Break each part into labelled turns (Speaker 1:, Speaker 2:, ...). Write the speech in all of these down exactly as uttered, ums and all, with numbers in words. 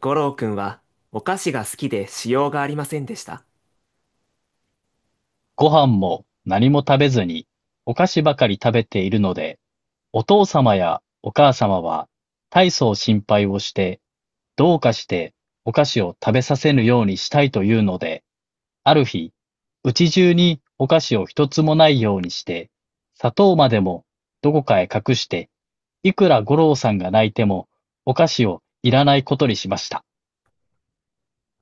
Speaker 1: 五郎くんはお菓子が好きでしようがありませんでした。
Speaker 2: ご飯も何も食べずに、お菓子ばかり食べているので、お父様やお母様は、大層心配をして、どうかしてお菓子を食べさせぬようにしたいというので、ある日、うち中にお菓子を一つもないようにして、砂糖までもどこかへ隠していくら五郎さんが泣いても、お菓子をいらないことにしました。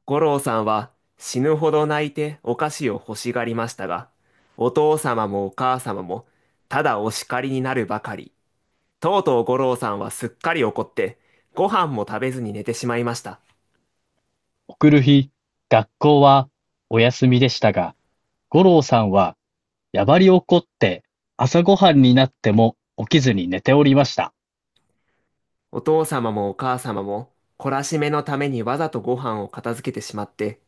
Speaker 1: 五郎さんは死ぬほど泣いてお菓子を欲しがりましたが、お父様もお母様もただお叱りになるばかり。とうとう五郎さんはすっかり怒って、ご飯も食べずに寝てしまいました。
Speaker 2: 送る日、学校はお休みでしたが、五郎さんはやばり怒って、朝ごはんになっても起きずに寝ておりました。
Speaker 1: お父様もお母様も懲らしめのためにわざとご飯を片付けてしまって、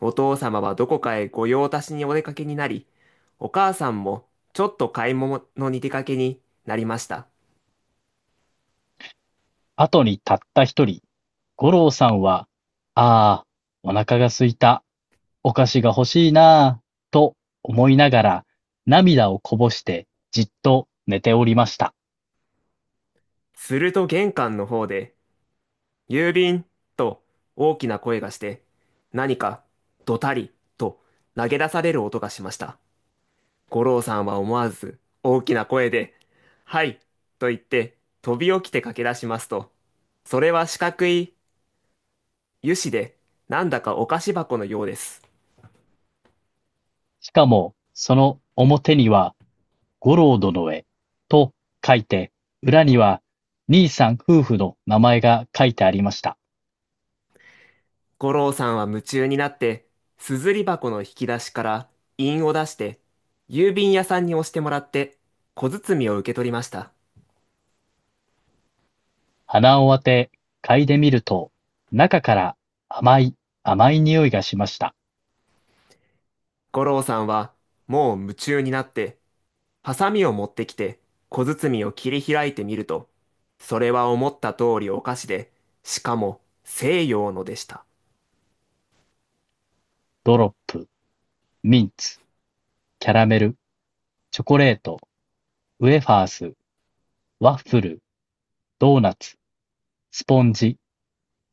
Speaker 1: お父様はどこかへ御用達にお出かけになり、お母さんもちょっと買い物に出かけになりました。
Speaker 2: あとにたったひとり、五郎さんは、ああ、お腹が空いた、お菓子が欲しいなぁと思いながら、涙をこぼして、じっと寝ておりました。
Speaker 1: すると玄関の方で、郵便と大きな声がして、何かドタリと投げ出される音がしました。五郎さんは思わず大きな声で、はい、と言って飛び起きて駆け出しますと、それは四角い油脂で、なんだかお菓子箱のようです。
Speaker 2: しかも、その表には、五郎殿へ、と書いて、裏には、兄さん夫婦の名前が書いてありました。
Speaker 1: 五郎さんは夢中になって、すずり箱の引き出しから印を出して、郵便屋さんに押してもらって、小包を受け取りました。
Speaker 2: 鼻を当て、嗅いでみると、中から甘い、甘い匂いがしました。
Speaker 1: 五郎さんはもう夢中になってハサミを持ってきて小包を切り開いてみると、それは思った通りお菓子で、しかも西洋のでした。
Speaker 2: ドロップ、ミンツ、キャラメル、チョコレート、ウェファース、ワッフル、ドーナツ、スポンジ、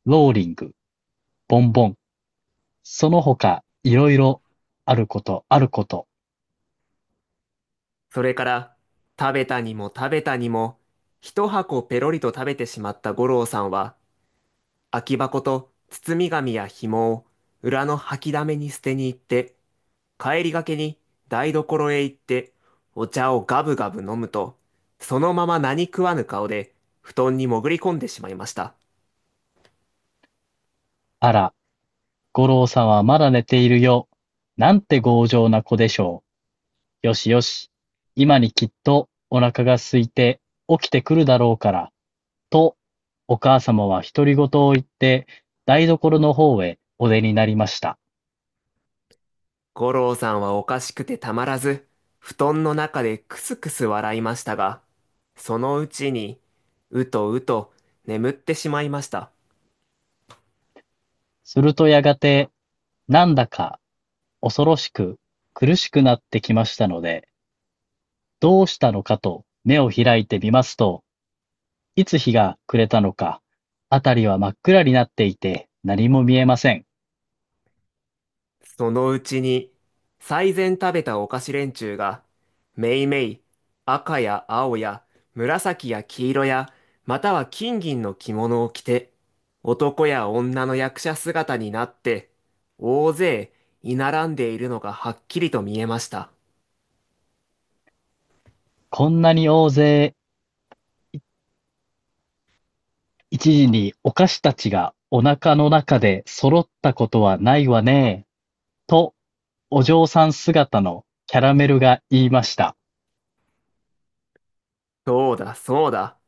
Speaker 2: ローリング、ボンボン、その他いろいろ、あることあること、
Speaker 1: それから食べたにも食べたにも一箱ペロリと食べてしまった五郎さんは、空き箱と包み紙や紐を裏の掃き溜めに捨てに行って、帰りがけに台所へ行ってお茶をガブガブ飲むと、そのまま何食わぬ顔で布団に潜り込んでしまいました。
Speaker 2: あら、五郎さんはまだ寝ているよ。なんて強情な子でしょう。よしよし。今にきっとお腹が空いて起きてくるだろうから、と、お母様は独り言を言って、台所の方へお出になりました。
Speaker 1: 五郎さんはおかしくてたまらず布団の中でクスクス笑いましたが、そのうちにうとうと眠ってしまいました。
Speaker 2: するとやがて、なんだか恐ろしく苦しくなってきましたので、どうしたのかと目を開いてみますと、いつ日が暮れたのか、あたりは真っ暗になっていて、何も見えません。
Speaker 1: そのうちに、最前食べたお菓子連中が、めいめい、赤や青や、紫や黄色や、または金銀の着物を着て、男や女の役者姿になって、大勢、居並んでいるのがはっきりと見えました。
Speaker 2: こんなに大勢いちじにお菓子たちがお腹の中で揃ったことはないわねえ、と、お嬢さん姿のキャラメルが言いました。
Speaker 1: そうだ、そうだ。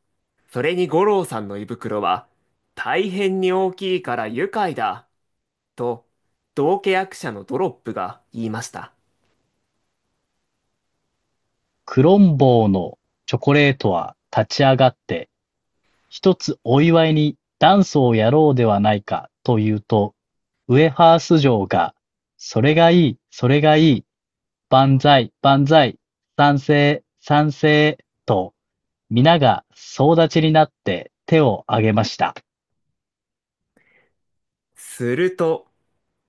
Speaker 1: それに五郎さんの胃袋は、大変に大きいから愉快だ、と、道化役者のドロップが言いました。
Speaker 2: クロンボーのチョコレートは立ち上がって一つお祝いにダンスをやろうではないか、と言うと、ウエハース嬢が、それがいい、それがいい、万歳、万歳、賛成、賛成、と、皆が総立ちになって手を挙げました。
Speaker 1: すると、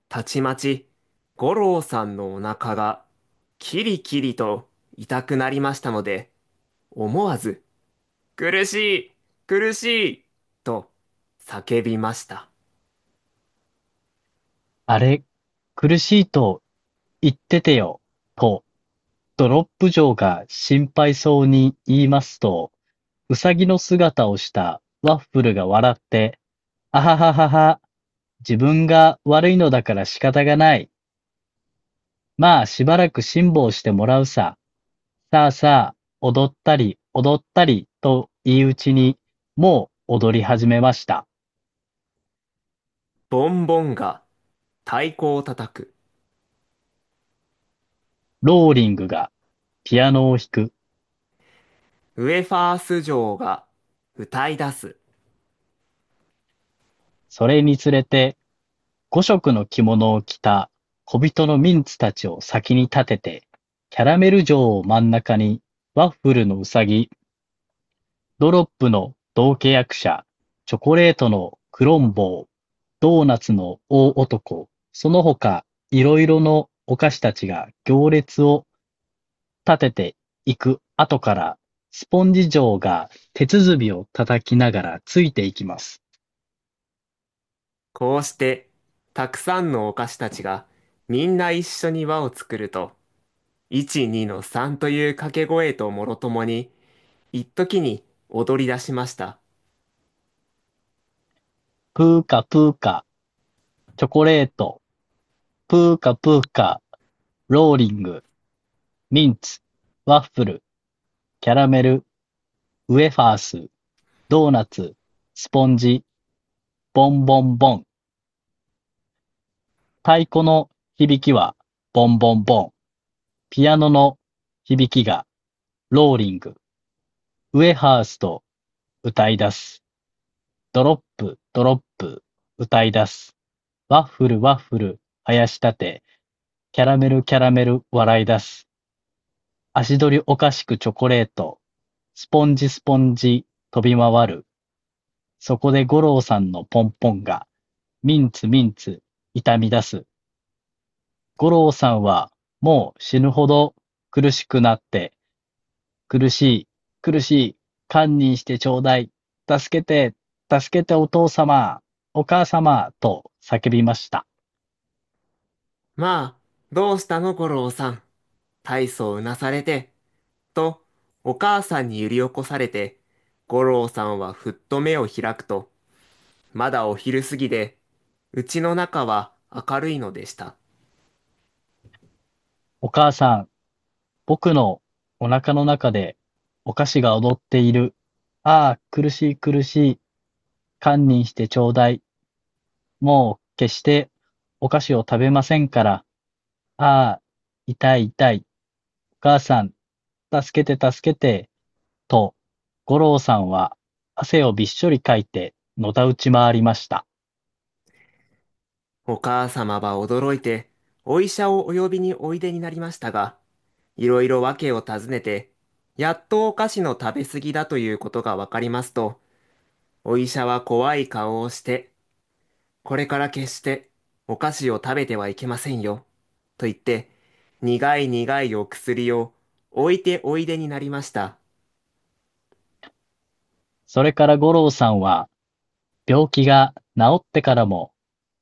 Speaker 1: たちまち、五郎さんのお腹が、キリキリと痛くなりましたので、思わず、苦しい、苦しい、と叫びました。
Speaker 2: あれ、苦しいと言っててよ、と、ドロップ嬢が心配そうに言いますと、うさぎの姿をしたワッフルが笑って、あはははは。自分が悪いのだから仕方がない。まあ、しばらく辛抱してもらうさ。さあさあ、踊ったり、踊ったり、と言いうちに、もう踊り始めました。
Speaker 1: ボンボンが太鼓を叩く。
Speaker 2: ローリングがピアノを弾く。
Speaker 1: ウェファース嬢が歌い出す。
Speaker 2: それにつれて、ごしきの着物を着た小人のミンツたちを先に立てて、キャラメル城を真ん中に、ワッフルのうさぎ、ドロップの同契役者、チョコレートのクロンボー、ドーナツの大男、その他いろいろのお菓子たちが行列を立てていく後から、スポンジ嬢が手鼓を叩きながらついていきます。
Speaker 1: こうして、たくさんのお菓子たちが、みんな一緒に輪を作ると、いち、にのさんという掛け声ともろともに、一時に踊り出しました。
Speaker 2: プーカプーカ、チョコレート、プーカプーカ、ローリング、ミンツ、ワッフル、キャラメル、ウェファース、ドーナツ、スポンジ、ボンボンボン。太鼓の響きはボンボンボン、ピアノの響きがローリング、ウエハースと歌い出す。ドロップ、ドロップ、歌い出す。ワッフル、ワッフル、生やし立て。キャラメル、キャラメル、笑い出す。足取りおかしくチョコレート。スポンジ、スポンジ、飛び回る。そこで五郎さんのポンポンが、ミンツ、ミンツ、痛み出す。五郎さんは、もう死ぬほど苦しくなって、苦しい、苦しい、堪忍してちょうだい、助けて、助けてお父様、お母様、と叫びました。
Speaker 1: まあ、どうしたの五郎さん。大層うなされて、と、お母さんに揺り起こされて、五郎さんはふっと目を開くと、まだお昼過ぎで、うちの中は明るいのでした。
Speaker 2: お母さん、僕のお腹の中でお菓子が踊っている。ああ、苦しい苦しい、堪忍してちょうだい。もう決してお菓子を食べませんから。ああ、痛い痛い、お母さん、助けて助けて、と、五郎さんは汗をびっしょりかいて、のたうち回りました。
Speaker 1: お母様は驚いて、お医者をお呼びにおいでになりましたが、いろいろ訳を尋ねて、やっとお菓子の食べ過ぎだということがわかりますと、お医者は怖い顔をして、これから決してお菓子を食べてはいけませんよ、と言って、苦い苦いお薬を置いておいでになりました。
Speaker 2: それから五郎さんは、病気が治ってからも、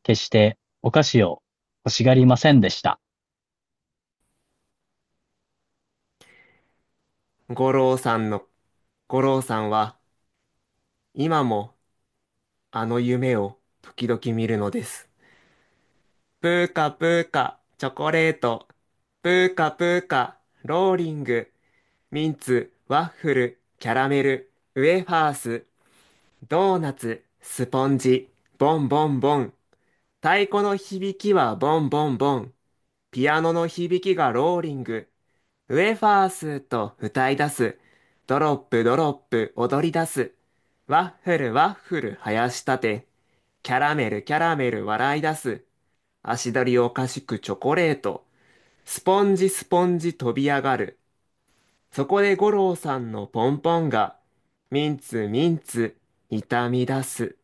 Speaker 2: 決してお菓子を欲しがりませんでした。
Speaker 1: 五郎さんの、五郎さんは今もあの夢を時々見るのです。プーカプーカ、チョコレート。プーカプーカ、ローリング、ミンツ、ワッフル、キャラメル、ウェファース、ドーナツ、スポンジ、ボンボンボン。太鼓の響きはボンボンボン。ピアノの響きがローリング。ウェファースと歌い出す。ドロップドロップ踊り出す。ワッフルワッフル生やしたて。キャラメルキャラメル笑い出す。足取りおかしくチョコレート。スポンジスポンジ飛び上がる。そこで五郎さんのポンポンが、ミンツミンツ痛み出す。